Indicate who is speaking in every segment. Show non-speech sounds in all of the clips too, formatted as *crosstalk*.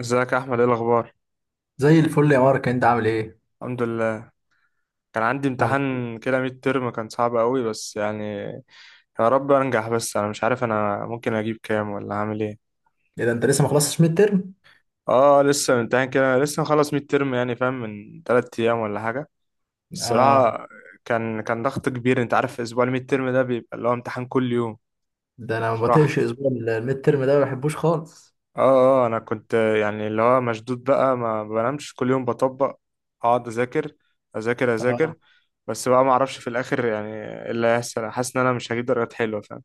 Speaker 1: ازيك يا احمد، ايه الاخبار؟
Speaker 2: زي الفل يا مارك، انت عامل ايه؟
Speaker 1: الحمد لله. كان عندي
Speaker 2: الحمد لله.
Speaker 1: امتحان كده ميد ترم، كان صعب قوي بس يعني. يا رب انجح، بس انا مش عارف انا ممكن اجيب كام ولا هعمل ايه.
Speaker 2: ايه ده، انت لسه ما خلصتش ميد ترم؟
Speaker 1: اه، لسه امتحان كده لسه مخلص ميد ترم يعني فاهم، من 3 ايام ولا حاجه
Speaker 2: اه،
Speaker 1: الصراحه. كان ضغط كبير، انت عارف اسبوع الميد ترم ده بيبقى اللي هو امتحان كل يوم.
Speaker 2: ده انا ما
Speaker 1: مش راحه.
Speaker 2: بطيقش اسبوع الميد ترم ده، ما بحبوش خالص.
Speaker 1: اه، اه. انا كنت يعني اللي هو مشدود بقى ما بنامش، كل يوم بطبق، اقعد اذاكر اذاكر اذاكر.
Speaker 2: اه.
Speaker 1: بس بقى ما اعرفش في الاخر يعني إيه اللي هيحصل، حاسس ان انا مش هجيب درجات حلوه فاهم.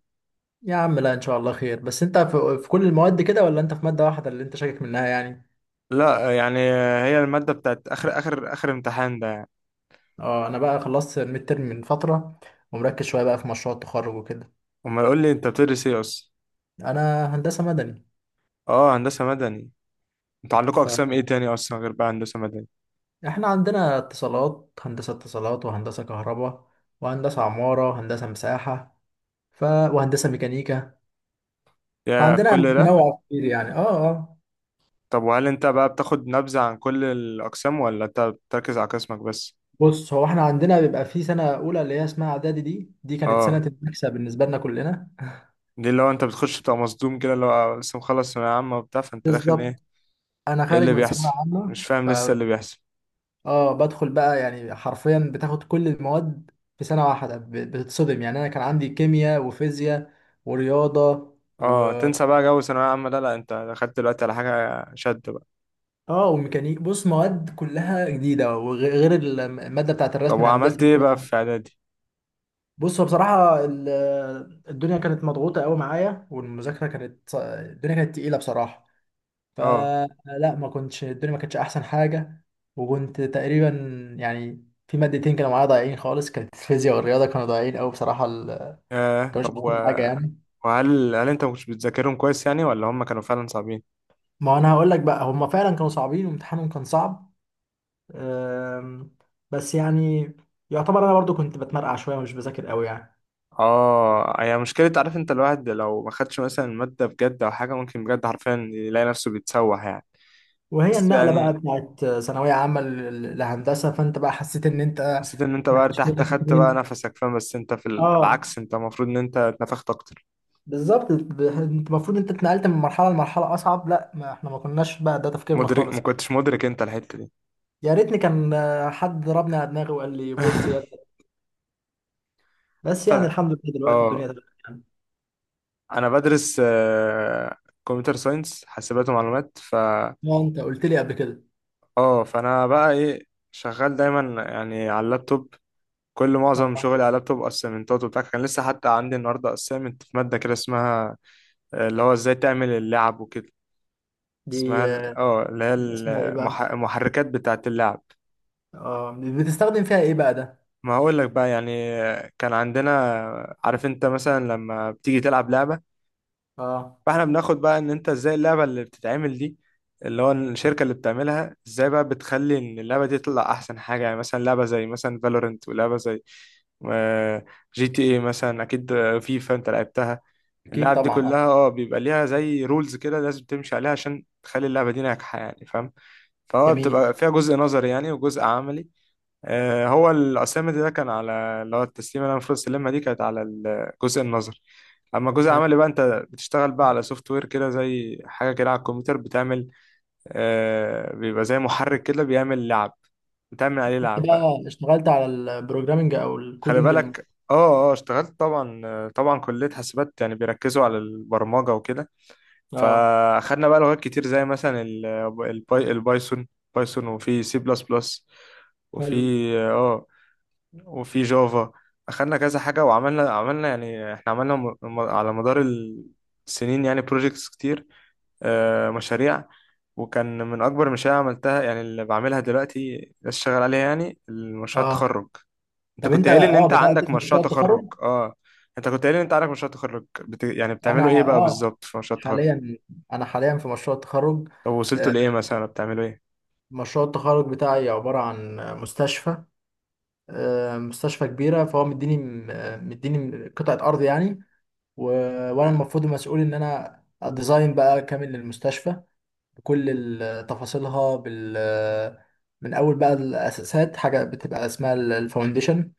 Speaker 2: يا عم لا، ان شاء الله خير. بس انت في كل المواد كده، ولا انت في مادة واحدة اللي انت شاكك منها يعني؟
Speaker 1: لا يعني، هي الماده بتاعت اخر اخر اخر امتحان ده يعني.
Speaker 2: اه، انا بقى خلصت الميد ترم من فترة ومركز شوية بقى في مشروع التخرج وكده.
Speaker 1: امال يقول لي انت بتدرس ايه اصلا؟
Speaker 2: انا هندسة مدني.
Speaker 1: اه، هندسه مدني. انتوا عندكم اقسام ايه
Speaker 2: فاحنا
Speaker 1: تاني اصلا غير بقى هندسه مدني؟
Speaker 2: عندنا اتصالات، هندسة اتصالات، وهندسة كهرباء، وهندسة عمارة، وهندسة مساحة، وهندسة ميكانيكا.
Speaker 1: يا
Speaker 2: فعندنا
Speaker 1: كل ده.
Speaker 2: تنوع كتير يعني. اه، اه.
Speaker 1: طب وهل انت بقى بتاخد نبذه عن كل الاقسام ولا انت بتركز على قسمك بس؟
Speaker 2: بص، هو احنا عندنا بيبقى في سنه اولى اللي هي اسمها اعدادي، دي كانت سنه
Speaker 1: اه،
Speaker 2: المكسب بالنسبه لنا كلنا.
Speaker 1: دي اللي هو انت بتخش بتبقى مصدوم كده اللي هو لسه مخلص ثانوية عامة وبتاع فانت داخل ايه؟
Speaker 2: بالظبط. انا
Speaker 1: ايه
Speaker 2: خارج
Speaker 1: اللي
Speaker 2: من ثانويه
Speaker 1: بيحصل؟
Speaker 2: عامه.
Speaker 1: مش
Speaker 2: ف
Speaker 1: فاهم لسه اللي بيحصل.
Speaker 2: اه بدخل بقى يعني حرفيا بتاخد كل المواد في سنه واحده، بتتصدم يعني. انا كان عندي كيمياء وفيزياء ورياضه و
Speaker 1: اه، تنسى بقى جو ثانوية عامة ده، لا انت دخلت دلوقتي على حاجة شد بقى.
Speaker 2: اه وميكانيك. بص، مواد كلها جديده، وغير غير الماده بتاعت
Speaker 1: طب
Speaker 2: الرسم الهندسي
Speaker 1: وعملت
Speaker 2: اللي
Speaker 1: ايه بقى
Speaker 2: فيها.
Speaker 1: في اعدادي؟
Speaker 2: بص، هو بصراحه الدنيا كانت مضغوطه قوي معايا، والمذاكره كانت الدنيا كانت تقيله بصراحه.
Speaker 1: اه.
Speaker 2: فلا، ما كنتش الدنيا ما كانتش احسن حاجه. وكنت تقريبا يعني في مادتين كانوا معايا ضايعين خالص، كانت الفيزياء والرياضه كانوا ضايعين قوي بصراحه. كانوش
Speaker 1: طب
Speaker 2: احسن حاجه يعني.
Speaker 1: وهل هل انت مش بتذاكرهم كويس يعني ولا هم كانوا فعلا صعبين؟
Speaker 2: ما انا هقول لك بقى، هم فعلا كانوا صعبين وامتحانهم كان صعب. أم، بس يعني يعتبر انا برضو كنت بتمرقع شويه ومش بذاكر قوي يعني.
Speaker 1: اه، هي مشكلة، عارف انت الواحد لو ما خدش مثلا المادة بجد او حاجة ممكن بجد حرفيا يلاقي نفسه بيتسوح يعني.
Speaker 2: وهي
Speaker 1: بس
Speaker 2: النقله بقى
Speaker 1: يعني
Speaker 2: بتاعت ثانويه عامه لهندسه، فانت بقى حسيت ان انت.
Speaker 1: حسيت ان انت
Speaker 2: ما
Speaker 1: بقى
Speaker 2: فيش
Speaker 1: ارتحت
Speaker 2: منك
Speaker 1: خدت بقى
Speaker 2: اتنين.
Speaker 1: نفسك فاهم، بس انت في
Speaker 2: اه،
Speaker 1: بالعكس انت المفروض ان انت اتنفخت اكتر.
Speaker 2: بالظبط. انت المفروض انت اتنقلت من مرحله لمرحله اصعب، لا. ما احنا ما كناش بقى ده تفكيرنا خالص.
Speaker 1: ما كنتش مدرك انت الحتة دي.
Speaker 2: يا ريتني كان حد ضربني على دماغي وقال لي بص يا
Speaker 1: *laughs*
Speaker 2: ابني. بس يعني
Speaker 1: فانا
Speaker 2: الحمد لله دلوقتي
Speaker 1: اه
Speaker 2: الدنيا تمام يعني.
Speaker 1: انا بدرس كمبيوتر ساينس حاسبات ومعلومات
Speaker 2: ما انت قلت لي قبل كده.
Speaker 1: اه، فانا بقى ايه شغال دايما يعني على اللابتوب.
Speaker 2: اه.
Speaker 1: معظم شغلي على اللابتوب، اسايمنتات وبتاع، كان لسه حتى عندي النهارده اسايمنت في ماده كده اسمها اللي هو ازاي تعمل اللعب وكده. اسمها
Speaker 2: دي.
Speaker 1: اللي هي
Speaker 2: اسمها ايه بقى؟
Speaker 1: المحركات بتاعه اللعب.
Speaker 2: اه. بتستخدم فيها ايه بقى ده؟
Speaker 1: ما هقول لك بقى يعني، كان عندنا، عارف انت مثلا لما بتيجي تلعب لعبة،
Speaker 2: اه.
Speaker 1: فاحنا بناخد بقى ان انت ازاي اللعبة اللي بتتعمل دي، اللي هو الشركة اللي بتعملها ازاي بقى بتخلي ان اللعبة دي تطلع احسن حاجة يعني مثلا لعبة زي مثلا فالورنت ولعبة زي جي تي اي مثلا، اكيد فيفا انت لعبتها.
Speaker 2: اكيد
Speaker 1: اللعب دي
Speaker 2: طبعا. اه.
Speaker 1: كلها بيبقى ليها زي رولز كده لازم تمشي عليها عشان تخلي اللعبة دي ناجحة يعني فاهم، فهو
Speaker 2: جميل.
Speaker 1: بتبقى فيها جزء نظري يعني وجزء عملي. هو الأسامة ده كان على اللي هو التسليمة اللي أنا المفروض أسلمها دي كانت على الجزء النظري. أما الجزء
Speaker 2: حلو.
Speaker 1: العملي بقى أنت بتشتغل بقى على سوفت وير كده زي حاجة كده على الكمبيوتر بتعمل. بيبقى زي محرك كده بيعمل لعب، بتعمل عليه
Speaker 2: انت
Speaker 1: لعب بقى.
Speaker 2: بقى اشتغلت على البروجرامنج او
Speaker 1: خلي
Speaker 2: الكودينج
Speaker 1: بالك، اشتغلت طبعا، طبعا كلية حاسبات يعني بيركزوا على البرمجة وكده.
Speaker 2: اه.
Speaker 1: فأخدنا بقى لغات كتير زي مثلا البايثون. بايثون، وفي سي بلس بلس، وفي
Speaker 2: حلو.
Speaker 1: اه آه، وفي جافا. اخدنا كذا حاجة، وعملنا يعني احنا عملنا على مدار السنين يعني بروجيكتس كتير، مشاريع. وكان من اكبر المشاريع اللي عملتها، يعني اللي بعملها دلوقتي لسه شغال عليها، يعني المشروع
Speaker 2: اه،
Speaker 1: التخرج. انت
Speaker 2: طب
Speaker 1: كنت
Speaker 2: انت
Speaker 1: قايل ان انت
Speaker 2: بدأت
Speaker 1: عندك
Speaker 2: في
Speaker 1: مشروع
Speaker 2: مشروع
Speaker 1: تخرج
Speaker 2: التخرج؟
Speaker 1: اه. انت كنت قايل ان انت عندك مشروع تخرج يعني
Speaker 2: انا
Speaker 1: بتعملوا ايه
Speaker 2: *laughs*
Speaker 1: بقى
Speaker 2: اه
Speaker 1: بالظبط في مشروع التخرج؟
Speaker 2: حاليا. انا حاليا في مشروع التخرج.
Speaker 1: طب وصلتوا
Speaker 2: آه،
Speaker 1: لايه، مثلا بتعملوا ايه؟
Speaker 2: مشروع التخرج بتاعي عبارة عن مستشفى. مستشفى كبيرة، فهو مديني قطعة أرض يعني. و... وأنا المفروض مسؤول إن أنا أديزاين بقى كامل للمستشفى بكل تفاصيلها من أول بقى الأساسات، حاجة بتبقى اسمها الفاونديشن،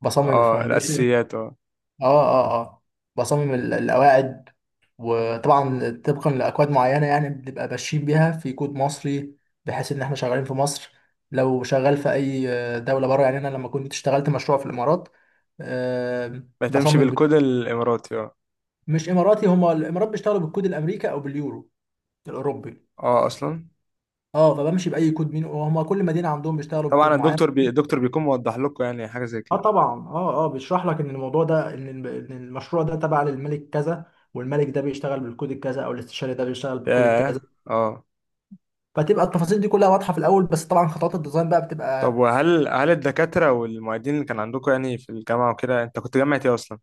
Speaker 2: بصمم
Speaker 1: اه،
Speaker 2: الفاونديشن.
Speaker 1: الاساسيات اه.
Speaker 2: اه، اه، اه. بصمم القواعد، وطبعا طبقا لاكواد معينه يعني، بنبقى ماشيين بيها في كود مصري بحيث ان احنا شغالين في مصر. لو شغال في اي دوله بره، يعني انا لما كنت اشتغلت مشروع في الامارات، آه،
Speaker 1: بتمشي
Speaker 2: بصمم ب-
Speaker 1: بالكود الاماراتي اه.
Speaker 2: مش اماراتي، هما الامارات بيشتغلوا بالكود الامريكي او باليورو الاوروبي.
Speaker 1: اه اصلا.
Speaker 2: اه، فبمشي باي كود مين، وهما كل مدينه عندهم بيشتغلوا بكود
Speaker 1: طبعا،
Speaker 2: معين.
Speaker 1: الدكتور بيكون موضح لكم يعني حاجة زي
Speaker 2: اه
Speaker 1: كده.
Speaker 2: طبعا. اه، اه، بيشرح لك ان الموضوع ده، ان إن المشروع ده تبع للملك كذا، والملك ده بيشتغل بالكود الكذا، او الاستشاري ده بيشتغل بالكود
Speaker 1: ياه.
Speaker 2: الكذا.
Speaker 1: اه.
Speaker 2: فتبقى التفاصيل دي كلها واضحه في الاول، بس طبعا خطوات الديزاين بقى
Speaker 1: طب
Speaker 2: بتبقى.
Speaker 1: وهل هل الدكاترة والمعيدين اللي كان عندكم يعني في الجامعة وكده، انت كنت جامعة ايه اصلا؟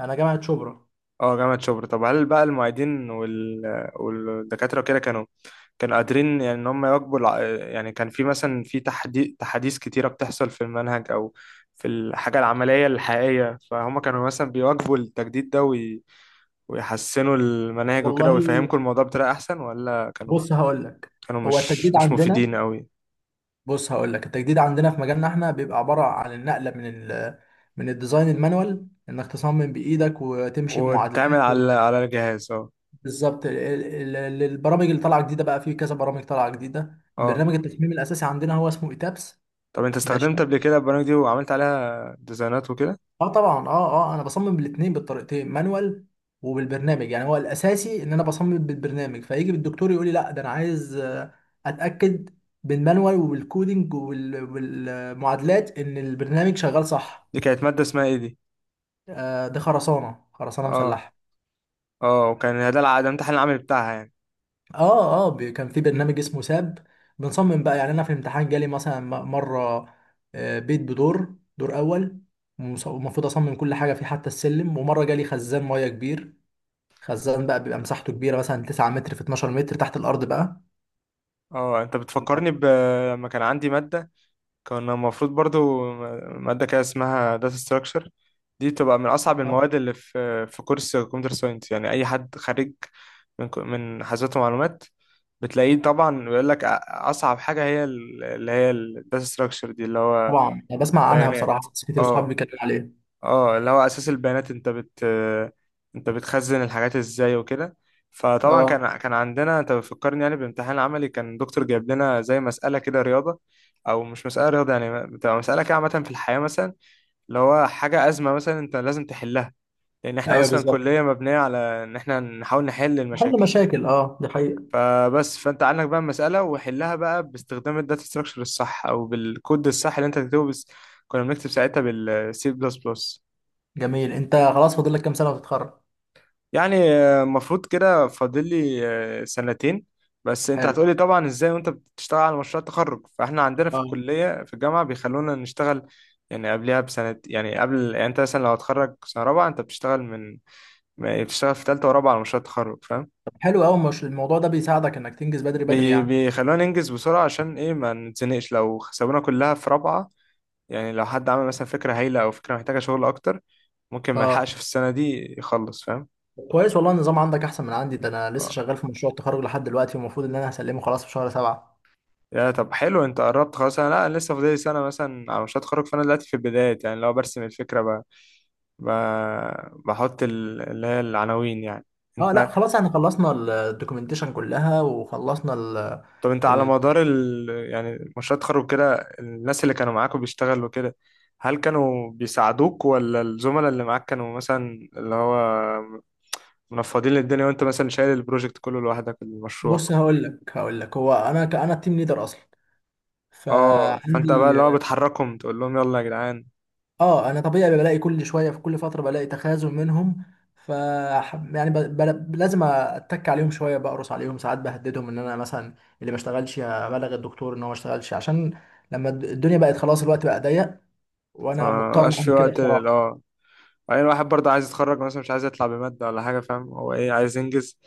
Speaker 2: انا جامعه شبرا.
Speaker 1: اه، جامعة شبرا. طب هل بقى المعيدين والدكاترة وكده كانوا قادرين يعني ان هم يواكبوا يعني كان في مثلا في تحديث كتيرة بتحصل في المنهج او في الحاجة العملية الحقيقية، فهم كانوا مثلا بيواكبوا التجديد ده ويحسنوا المناهج وكده
Speaker 2: والله،
Speaker 1: ويفهمكم الموضوع بطريقة احسن، ولا كانوا
Speaker 2: بص هقول لك.
Speaker 1: كانوا
Speaker 2: هو التجديد
Speaker 1: مش
Speaker 2: عندنا،
Speaker 1: مفيدين قوي؟
Speaker 2: في مجالنا احنا بيبقى عباره عن النقله من ال من الديزاين المانوال، انك تصمم بايدك وتمشي
Speaker 1: واتعمل
Speaker 2: بمعادلات.
Speaker 1: على الجهاز اه.
Speaker 2: بالظبط. البرامج اللي طالعه جديده بقى، في كذا برامج طالعه جديده،
Speaker 1: اه
Speaker 2: برنامج التصميم الاساسي عندنا هو اسمه ايتابس.
Speaker 1: طب انت
Speaker 2: ماشي.
Speaker 1: استخدمت قبل كده البرامج دي وعملت عليها ديزاينات وكده؟
Speaker 2: اه طبعا. اه، اه. انا بصمم بالاثنين بالطريقتين، مانوال وبالبرنامج يعني. هو الاساسي ان انا بصمم بالبرنامج، فيجي بالدكتور يقول لي لا، ده انا عايز اتاكد بالمانوال وبالكودينج وبالمعادلات ان البرنامج شغال صح.
Speaker 1: دي كانت مادة اسمها ايه دي؟
Speaker 2: ده خرسانه
Speaker 1: اه.
Speaker 2: مسلحه.
Speaker 1: اه، وكان ده الامتحان العملي بتاعها يعني.
Speaker 2: اه، اه. كان في برنامج اسمه ساب، بنصمم بقى يعني. انا في الامتحان جالي مثلا مره، بيت بدور، دور اول، ومفروض اصمم كل حاجه فيه حتى السلم. ومره جالي خزان ميه كبير، خزان بقى بيبقى مساحته كبيره مثلا 9 متر في 12 متر تحت الارض بقى.
Speaker 1: اه انت بتفكرني لما كان عندي مادة، كان المفروض برضو مادة كده اسمها داتا ستراكشر، دي بتبقى من أصعب المواد اللي في كورس كمبيوتر ساينس. يعني أي حد خارج من حاسبات ومعلومات بتلاقيه طبعا بيقول لك أصعب حاجة هي اللي هي الداتا ستراكشر دي اللي هو
Speaker 2: طبعا انا بسمع عنها
Speaker 1: البيانات
Speaker 2: بصراحه، بس كتير صحابي
Speaker 1: اه.
Speaker 2: بيتكلموا عليها.
Speaker 1: اه، اللي هو اساس البيانات، انت بتخزن الحاجات ازاي وكده. فطبعا
Speaker 2: اه،
Speaker 1: كان عندنا، انت بتفكرني يعني بامتحان عملي، كان دكتور جايب لنا زي مسألة كده رياضة، او مش مسألة رياضة يعني، بتبقى مسألة كده عامة في الحياة مثلا، اللي هو حاجة أزمة مثلا انت لازم تحلها، لان احنا
Speaker 2: ايوه
Speaker 1: اصلا
Speaker 2: بالظبط،
Speaker 1: كلية مبنية على ان احنا نحاول نحل
Speaker 2: حل
Speaker 1: المشاكل.
Speaker 2: مشاكل، اه، دي حقيقه.
Speaker 1: فبس فانت عندك بقى المسألة، وحلها بقى باستخدام الداتا ستراكشر الصح او بالكود الصح اللي انت تكتبه بس. كنا بنكتب ساعتها بالسي بلس بلس.
Speaker 2: جميل. انت خلاص فاضل لك كام سنه وتتخرج؟
Speaker 1: يعني المفروض كده فاضل لي سنتين. بس انت
Speaker 2: حلو.
Speaker 1: هتقولي طبعا ازاي وانت بتشتغل على مشروع التخرج، فاحنا عندنا في
Speaker 2: اه،
Speaker 1: الكلية في الجامعة بيخلونا نشتغل، يعني قبلها بسنة يعني قبل يعني انت مثلا لو هتخرج سنة رابعة انت بتشتغل من بتشتغل في تالتة ورابعة على مشروع التخرج فاهم.
Speaker 2: طب حلو قوي. مش الموضوع ده بيساعدك انك تنجز بدري بدري يعني؟
Speaker 1: بيخلونا ننجز بسرعة عشان ايه ما نتزنقش لو سابونا كلها في رابعة. يعني لو حد عمل مثلا فكرة هايلة او فكرة محتاجة شغل اكتر ممكن ما يلحقش
Speaker 2: اه،
Speaker 1: في السنة دي يخلص فاهم.
Speaker 2: كويس، والله النظام عندك احسن من عندي. ده انا لسه شغال في مشروع التخرج لحد دلوقتي، والمفروض ان انا هسلمه خلاص في شهر سبعة.
Speaker 1: يا طب حلو انت قربت خلاص، انا لا انا لسه فاضلي سنه مثلا على مشروع التخرج، فانا دلوقتي في البدايات يعني لو برسم الفكره ب... بحط اللي هي العناوين يعني.
Speaker 2: اه، لا
Speaker 1: انت.
Speaker 2: خلاص، احنا خلصنا الدوكيومنتيشن كلها، وخلصنا ال
Speaker 1: طب انت على
Speaker 2: ال
Speaker 1: مدار يعني مشروع التخرج كده، الناس اللي كانوا معاك وبيشتغلوا كده، هل كانوا بيساعدوك ولا الزملاء اللي معاك كانوا مثلا اللي هو منفضين الدنيا وانت مثلا شايل البروجكت كله لوحدك المشروع؟
Speaker 2: بص هقول لك. هو انا التيم ليدر اصلا.
Speaker 1: اه، فانت بقى
Speaker 2: فعندي.
Speaker 1: اللي هو بتحركهم تقول لهم يلا يا جدعان.
Speaker 2: اه، انا طبيعي بلاقي كل شويه، في كل فتره بلاقي تخاذل منهم. ف، يعني، لازم اتك عليهم شويه، بقرص عليهم ساعات، بهددهم ان انا مثلا اللي ما اشتغلش ابلغ الدكتور ان هو ما اشتغلش، عشان لما الدنيا بقت خلاص الوقت بقى ضيق، وانا مضطر
Speaker 1: فمبقاش في
Speaker 2: اعمل كده
Speaker 1: وقت
Speaker 2: بصراحه.
Speaker 1: اه. وبعدين الواحد برضه عايز يتخرج مثلا مش عايز يطلع بمادة ولا حاجة فاهم، هو ايه عايز ينجز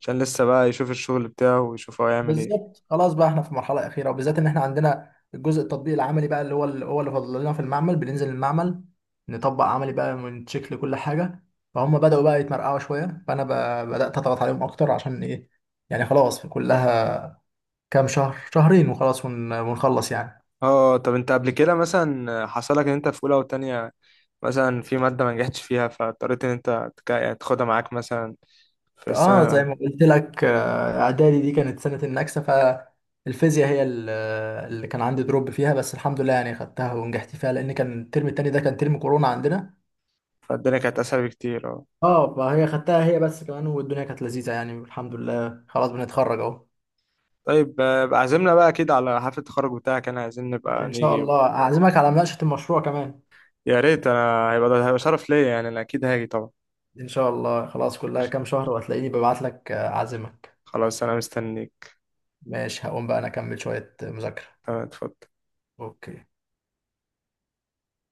Speaker 1: عشان لسه بقى يشوف الشغل بتاعه ويشوف هو يعمل ايه.
Speaker 2: بالظبط. خلاص بقى احنا في مرحله اخيره، وبالذات ان احنا عندنا الجزء التطبيق العملي بقى، اللي فاضل لنا في المعمل. بننزل المعمل نطبق عملي بقى ونتشيك لكل حاجه، فهم بداوا بقى يتمرقعوا شويه، فانا بدات اضغط عليهم اكتر عشان ايه؟ يعني خلاص، كلها كام شهر، شهرين، وخلاص ونخلص يعني.
Speaker 1: اه، طب انت قبل كده مثلا حصلك ان انت في اولى وتانية مثلا في مادة ما نجحتش فيها فاضطريت ان انت يعني تاخدها معاك مثلا في
Speaker 2: اه، زي
Speaker 1: السنة؟
Speaker 2: ما قلت لك، اعدادي دي كانت سنة النكسة. فالفيزياء هي اللي كان عندي دروب فيها، بس الحمد لله يعني خدتها ونجحت فيها، لان كان الترم التاني ده كان ترم كورونا عندنا.
Speaker 1: فالدنيا كانت اسهل بكتير اه.
Speaker 2: اه، فهي خدتها هي بس كمان، والدنيا كانت لذيذة يعني، الحمد لله خلاص بنتخرج اهو.
Speaker 1: طيب، بقى عازمنا بقى اكيد على حفلة التخرج بتاعك، انا عايزين نبقى
Speaker 2: ان شاء
Speaker 1: نيجي.
Speaker 2: الله، اعزمك على مناقشة المشروع كمان.
Speaker 1: يا ريت، انا هيبقى شرف ليا يعني، انا اكيد هاجي طبعا.
Speaker 2: ان شاء الله، خلاص كلها كام شهر وهتلاقيني ببعت لك اعزمك.
Speaker 1: خلاص انا مستنيك.
Speaker 2: ماشي، هقوم بقى انا اكمل شوية مذاكرة.
Speaker 1: تمام اتفضل.
Speaker 2: اوكي